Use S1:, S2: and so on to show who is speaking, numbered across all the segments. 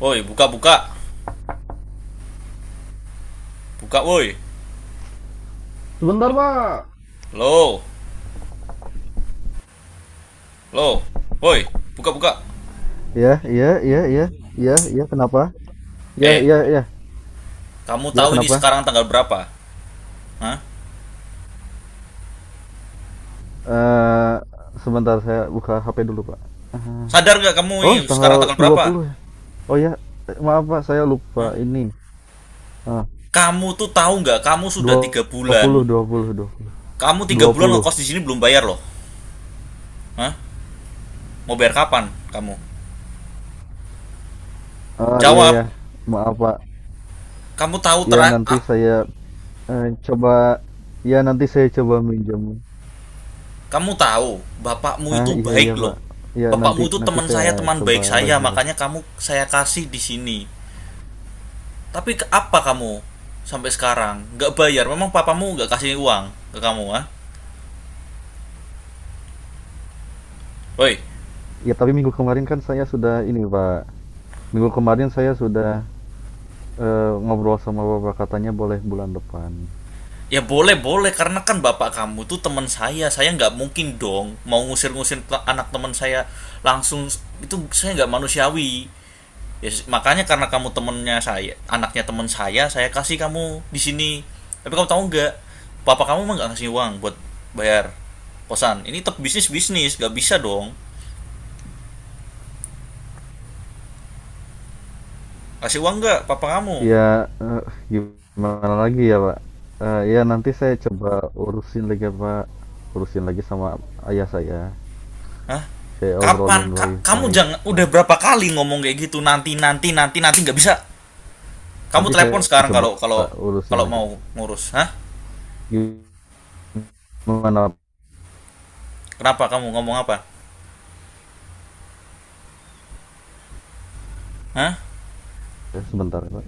S1: Woi, buka buka. Buka woi.
S2: Sebentar, Pak.
S1: Lo, lo. Woi, buka buka.
S2: Ya, iya, iya, iya, iya, iya, kenapa? Ya,
S1: Eh,
S2: iya, iya,
S1: kamu
S2: ya,
S1: tahu ini
S2: kenapa?
S1: sekarang tanggal berapa? Hah?
S2: Eh, Sebentar saya buka HP dulu, Pak. Ah,
S1: Sadar nggak kamu ini
S2: oh,
S1: sekarang
S2: tanggal
S1: tanggal berapa?
S2: 20 ya. Oh ya, maaf Pak, saya
S1: Hah?
S2: lupa ini. Ah,
S1: Kamu tuh tahu nggak kamu sudah 3 bulan.
S2: 20, 20, 20.
S1: Kamu 3 bulan
S2: 20.
S1: ngekos di sini belum bayar loh. Hah? Mau bayar kapan kamu?
S2: Iya
S1: Jawab.
S2: ya. Maaf Pak.
S1: Kamu tahu
S2: Ya
S1: terak
S2: nanti saya eh, coba Ya nanti saya coba minjem.
S1: kamu tahu bapakmu itu
S2: Iya iya
S1: baik loh.
S2: Pak. Ya nanti
S1: Bapakmu itu
S2: nanti
S1: teman saya,
S2: saya
S1: teman baik
S2: coba
S1: saya,
S2: lagi lah.
S1: makanya kamu saya kasih di sini. Tapi apa kamu sampai sekarang nggak bayar? Memang papamu nggak kasih uang ke kamu, ah? Woi,
S2: Ya tapi minggu kemarin kan saya sudah ini Pak. Minggu kemarin saya sudah ngobrol sama Bapak, katanya boleh bulan depan.
S1: ya boleh boleh karena kan bapak kamu tuh teman saya. Saya nggak mungkin dong mau ngusir-ngusir anak teman saya langsung itu saya nggak manusiawi. Ya, makanya karena kamu temennya saya, anaknya teman saya kasih kamu di sini. Tapi kamu tahu nggak, papa kamu emang nggak ngasih uang buat bayar kosan. Ini tetap bisnis bisnis, nggak bisa dong. Kasih uang nggak, papa kamu?
S2: Ya gimana lagi ya Pak? Ya nanti saya coba urusin lagi Pak, urusin lagi sama ayah saya.
S1: Hah?
S2: Saya
S1: Kapan?
S2: obrolin
S1: Kamu
S2: baik-baik
S1: jangan
S2: gitu.
S1: udah berapa kali ngomong kayak gitu nanti nanti nanti nanti nggak bisa. Kamu
S2: Nanti
S1: telepon
S2: saya
S1: sekarang
S2: coba
S1: kalau
S2: Pak,
S1: kalau
S2: urusin
S1: kalau
S2: lagi.
S1: mau ngurus, hah?
S2: Gimana Pak?
S1: Kenapa kamu ngomong apa? Hah?
S2: Sebentar Pak?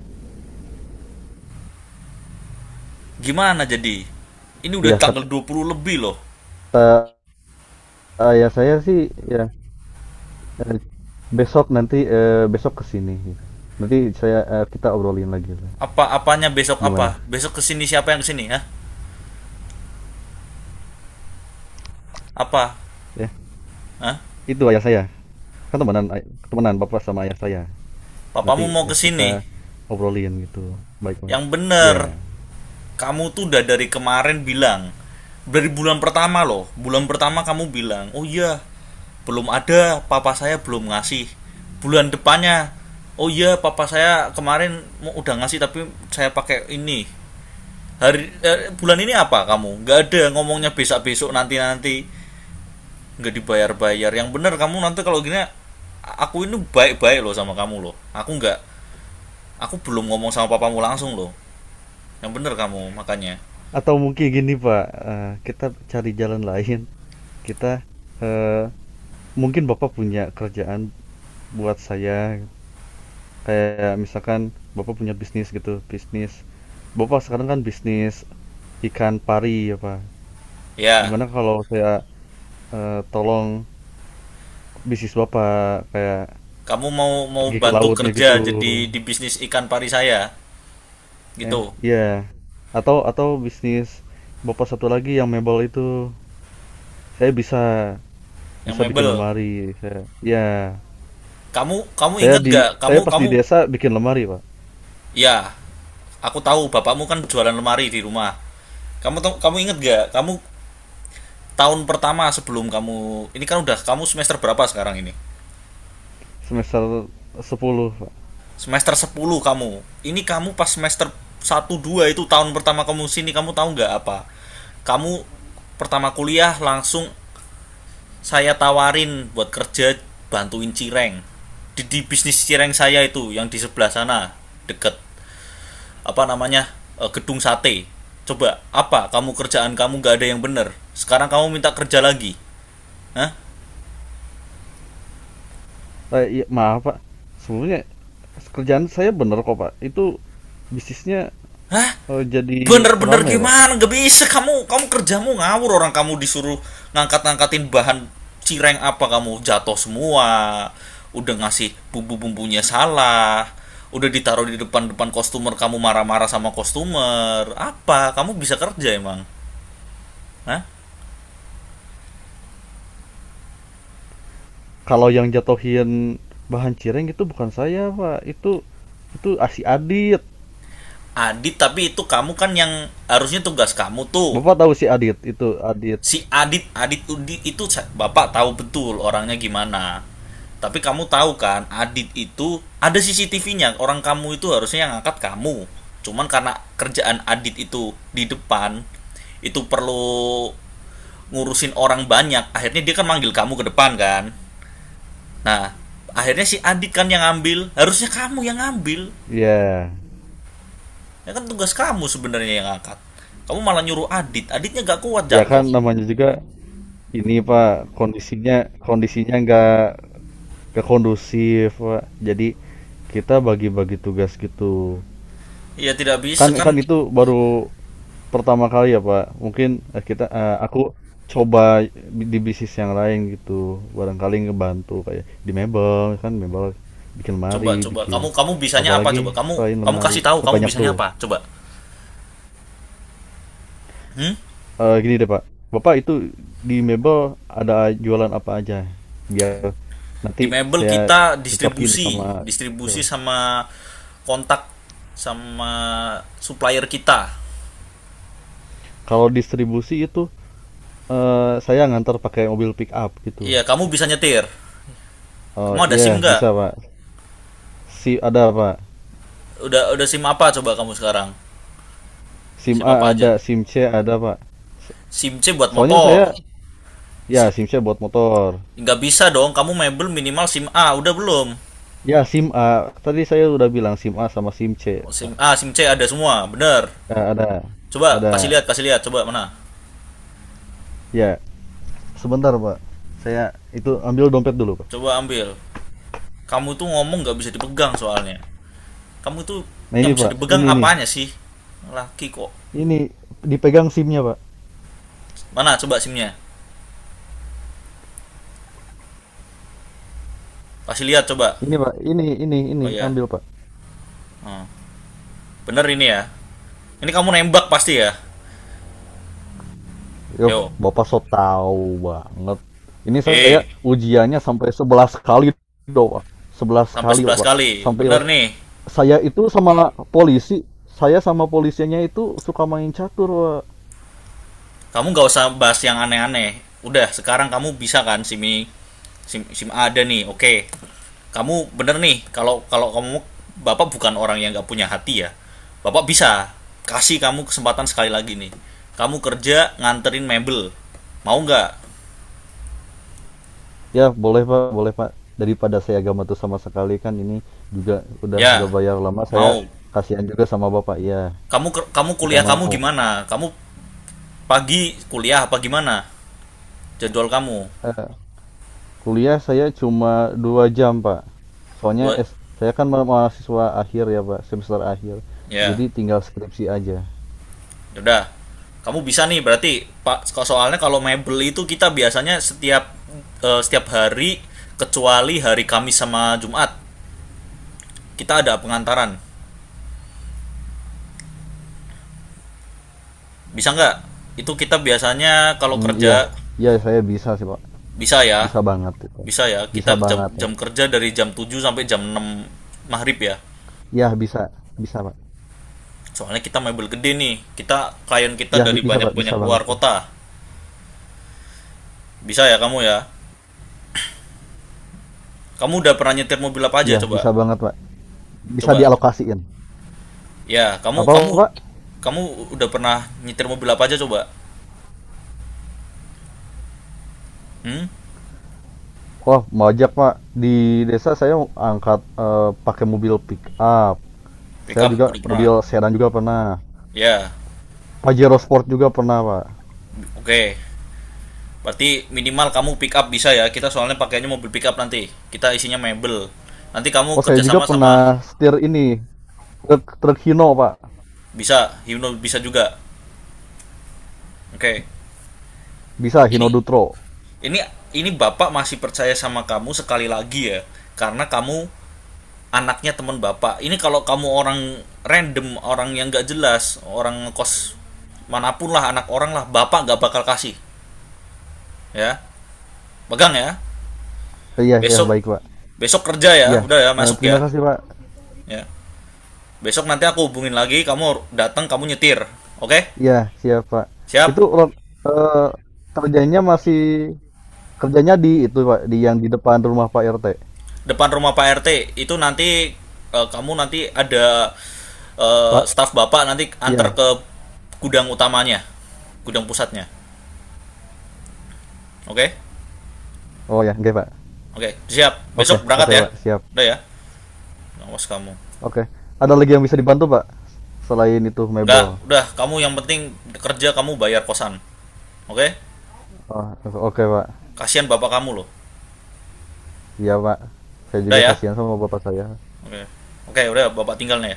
S1: Gimana jadi? Ini udah
S2: Ya
S1: tanggal 20 lebih loh.
S2: kata ayah saya sih ya eh, besok nanti besok kesini. Nanti kita obrolin lagi Pak.
S1: Apa-apanya besok
S2: Gimana?
S1: apa? Besok kesini siapa yang kesini, hah? Apa?
S2: Ya.
S1: Hah?
S2: Itu ayah saya kan temenan temenan bapak sama ayah saya.
S1: Papamu
S2: Nanti
S1: mau kesini?
S2: kita obrolin gitu baik baik
S1: Yang bener.
S2: ya.
S1: Kamu tuh udah dari kemarin bilang dari bulan pertama loh, bulan pertama kamu bilang oh iya belum ada, papa saya belum ngasih. Bulan depannya oh iya papa saya kemarin udah ngasih tapi saya pakai ini hari bulan ini. Apa kamu nggak ada ngomongnya besok besok nanti nanti, nggak dibayar bayar. Yang bener kamu, nanti kalau gini aku ini baik baik loh sama kamu loh. Aku nggak, aku belum ngomong sama papamu langsung loh. Yang bener kamu, makanya
S2: Atau mungkin gini pak, kita cari jalan lain. Kita eh, mungkin bapak punya kerjaan buat saya, kayak misalkan bapak punya bisnis gitu. Bisnis bapak sekarang kan bisnis ikan pari ya pak.
S1: ya.
S2: Gimana kalau saya tolong bisnis bapak kayak
S1: Kamu mau mau
S2: pergi ke
S1: bantu
S2: lautnya
S1: kerja
S2: gitu.
S1: jadi di bisnis ikan pari saya gitu,
S2: Iya. Atau bisnis bapak satu lagi yang mebel itu, saya bisa
S1: yang
S2: bisa bikin
S1: mebel.
S2: lemari. Saya, ya
S1: Kamu kamu
S2: Saya
S1: inget
S2: di
S1: gak
S2: saya
S1: kamu
S2: pas di
S1: kamu
S2: desa bikin lemari Pak.
S1: ya? Aku tahu bapakmu kan jualan lemari di rumah. Kamu inget gak kamu tahun pertama sebelum kamu ini kan udah, kamu semester berapa sekarang ini?
S2: semester 10 Pak.
S1: semester 10. Kamu ini kamu pas semester satu dua, itu tahun pertama kamu sini, kamu tahu nggak apa, kamu pertama kuliah langsung saya tawarin buat kerja bantuin cireng di bisnis cireng saya itu yang di sebelah sana, deket apa namanya gedung sate. Coba apa, kamu kerjaan kamu nggak ada yang bener sekarang kamu minta kerja lagi, hah?
S2: Iya, maaf Pak, sebenarnya kerjaan saya bener kok Pak, itu bisnisnya
S1: Hah?
S2: jadi
S1: Bener-bener
S2: ramai Pak.
S1: gimana gak bisa kamu, kerjamu ngawur. Orang kamu disuruh ngangkat-ngangkatin bahan cireng apa kamu jatuh semua, udah ngasih bumbu-bumbunya salah, udah ditaruh di depan-depan kostumer kamu marah-marah sama kostumer. Apa kamu bisa kerja emang? Hah?
S2: Kalau yang jatuhin bahan cireng itu bukan saya Pak, itu si Adit.
S1: Adit, tapi itu kamu kan yang harusnya, tugas kamu tuh.
S2: Bapak tahu si Adit, itu Adit.
S1: Si Adit Adit itu bapak tahu betul orangnya gimana. Tapi kamu tahu kan Adit itu ada CCTV-nya. Orang kamu itu harusnya yang angkat kamu, cuman karena kerjaan Adit itu di depan, itu perlu ngurusin orang banyak, akhirnya dia kan manggil kamu ke depan kan. Nah, akhirnya si Adit kan yang ngambil, harusnya kamu yang ngambil.
S2: Iya.
S1: Ya kan tugas kamu sebenarnya yang angkat, kamu malah nyuruh Adit. Aditnya gak kuat
S2: Ya
S1: jatuh.
S2: kan namanya juga ini Pak, kondisinya kondisinya nggak kondusif Pak. Jadi kita bagi-bagi tugas gitu.
S1: Ya tidak bisa
S2: Kan kan
S1: kan.
S2: itu baru pertama kali ya Pak. Mungkin aku coba di bisnis yang lain gitu. Barangkali ngebantu kayak di mebel, kan mebel bikin
S1: Coba
S2: lemari
S1: coba
S2: bikin,
S1: kamu kamu bisanya apa
S2: apalagi
S1: coba? Kamu
S2: selain
S1: kamu
S2: lemari
S1: kasih tahu
S2: kan
S1: kamu
S2: banyak
S1: bisanya
S2: tuh.
S1: apa? Coba. Hmm?
S2: Gini deh, Pak, Bapak itu di mebel ada jualan apa aja? Biar
S1: Di
S2: nanti
S1: Mebel
S2: saya
S1: kita
S2: cocokin
S1: distribusi,
S2: sama
S1: distribusi
S2: skill.
S1: sama kontak sama supplier kita.
S2: Kalau distribusi itu, saya ngantar pakai mobil pick up gitu.
S1: Iya, kamu bisa nyetir.
S2: Oh,
S1: Kamu ada SIM
S2: iya
S1: nggak?
S2: bisa, Pak. Si ada, Pak.
S1: Udah SIM apa coba kamu sekarang?
S2: SIM
S1: SIM
S2: A
S1: apa aja?
S2: ada, SIM C ada, Pak. So
S1: SIM C buat
S2: soalnya
S1: motor.
S2: saya ya
S1: SIM
S2: SIM C buat motor.
S1: nggak bisa dong, kamu Mebel minimal SIM A, udah belum?
S2: Ya SIM A, tadi saya udah bilang SIM A sama SIM C,
S1: Oh, SIM
S2: Pak.
S1: A, SIM C ada semua, bener.
S2: Ya ada
S1: Coba
S2: ada.
S1: kasih lihat, coba mana?
S2: Ya, sebentar, Pak. Saya itu ambil dompet dulu, Pak.
S1: Coba ambil. Kamu tuh ngomong nggak bisa dipegang soalnya. Kamu tuh
S2: Nah
S1: yang
S2: ini
S1: bisa
S2: Pak,
S1: dipegang
S2: ini nih,
S1: apanya sih? Laki kok.
S2: ini dipegang SIM-nya Pak.
S1: Mana coba simnya? Kasih lihat coba.
S2: Ini Pak, ini
S1: Oh ya.
S2: ambil Pak.
S1: Hmm. Bener ini ya. Ini kamu nembak pasti ya.
S2: Yo,
S1: Yo.
S2: Bapak so tahu banget. Ini saya
S1: Eh,
S2: ujiannya sampai 11 kali doh Pak. 11
S1: sampai
S2: kali oh,
S1: 11
S2: Pak.
S1: kali.
S2: Sampai
S1: Bener nih.
S2: saya itu sama polisi, saya sama polisinya itu suka main catur Pak.
S1: Kamu gak usah bahas yang aneh-aneh. Udah sekarang kamu bisa kan sim ini, sim sim ada nih, oke. Okay, kamu bener nih. Kalau kalau kamu, bapak bukan orang yang gak punya hati ya, bapak bisa kasih kamu kesempatan sekali lagi nih. Kamu kerja nganterin mebel, mau nggak?
S2: Ya boleh Pak, boleh Pak. Daripada saya gak matu sama sekali, kan ini juga udah
S1: Ya
S2: nggak bayar lama,
S1: mau.
S2: saya kasihan juga sama Bapak. Iya,
S1: Kamu kamu
S2: iya
S1: kuliah kamu
S2: mau.
S1: gimana, kamu pagi kuliah apa gimana jadwal kamu?
S2: Kuliah saya cuma 2 jam pak, soalnya
S1: Dua,
S2: Saya kan mahasiswa akhir ya pak, semester akhir,
S1: ya.
S2: jadi tinggal skripsi aja.
S1: Yaudah, kamu bisa nih berarti Pak soalnya kalau mebel itu kita biasanya setiap setiap hari kecuali hari Kamis sama Jumat kita ada pengantaran. Bisa nggak? Itu kita biasanya kalau
S2: Mm, iya
S1: kerja
S2: iya saya bisa sih pak,
S1: bisa ya.
S2: bisa banget itu,
S1: Bisa ya.
S2: bisa
S1: Kita jam
S2: banget ya,
S1: jam kerja dari jam 7 sampai jam 6 maghrib ya.
S2: iya bisa bisa pak,
S1: Soalnya kita mebel gede nih. Kita klien kita
S2: iya
S1: dari
S2: bisa pak, bisa
S1: banyak-banyak
S2: banget
S1: luar
S2: ya,
S1: kota. Bisa ya? Kamu udah pernah nyetir mobil apa aja
S2: iya
S1: coba?
S2: bisa banget pak, bisa
S1: Coba.
S2: dialokasiin
S1: Ya, kamu
S2: apa
S1: kamu
S2: pak.
S1: kamu udah pernah nyetir mobil apa aja coba? Hmm?
S2: Wah mau ajak pak, di desa saya angkat pakai mobil pick up,
S1: Pick
S2: saya
S1: up
S2: juga
S1: udah pernah.
S2: mobil sedan juga pernah,
S1: Ya,
S2: Pajero Sport juga pernah pak.
S1: oke. Berarti minimal kamu pick up bisa ya. Kita soalnya pakainya mobil pick up nanti. Kita isinya mebel. Nanti kamu
S2: Oh saya juga
S1: kerjasama sama
S2: pernah setir ini truk truk Hino pak.
S1: bisa, Himno bisa juga. Oke.
S2: Bisa
S1: Ini
S2: Hino Dutro.
S1: ini ini bapak masih percaya sama kamu sekali lagi ya, karena kamu anaknya teman bapak. Ini kalau kamu orang random, orang yang gak jelas, orang kos manapun lah, anak orang lah, bapak gak bakal kasih. Ya, pegang ya.
S2: Iya ya
S1: Besok,
S2: baik pak.
S1: besok kerja ya,
S2: Iya
S1: udah ya, masuk
S2: terima
S1: ya.
S2: kasih pak.
S1: Ya besok nanti aku hubungin lagi, kamu datang kamu nyetir. Oke,
S2: Iya siap pak. Itu
S1: siap.
S2: ro- eh, kerjanya masih Kerjanya di itu pak, di yang di depan rumah Pak RT.
S1: Depan rumah pak RT itu nanti, kamu nanti ada
S2: Pak.
S1: staf bapak nanti antar
S2: Iya.
S1: ke gudang utamanya, gudang pusatnya. Oke.
S2: Oh ya oke pak.
S1: Oke, siap
S2: Oke
S1: besok berangkat
S2: oke
S1: ya.
S2: pak siap.
S1: Udah ya, awas kamu.
S2: Oke. Ada lagi yang bisa dibantu pak, selain itu
S1: Nggak,
S2: mebel.
S1: udah kamu yang penting kerja kamu, bayar kosan. Oke,
S2: Oh, oke pak.
S1: kasihan bapak kamu loh.
S2: Iya pak. Saya
S1: Udah
S2: juga
S1: ya.
S2: kasihan sama bapak saya.
S1: Oke, okay. Oke, okay, udah Bapak tinggal nih.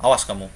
S1: Awas kamu.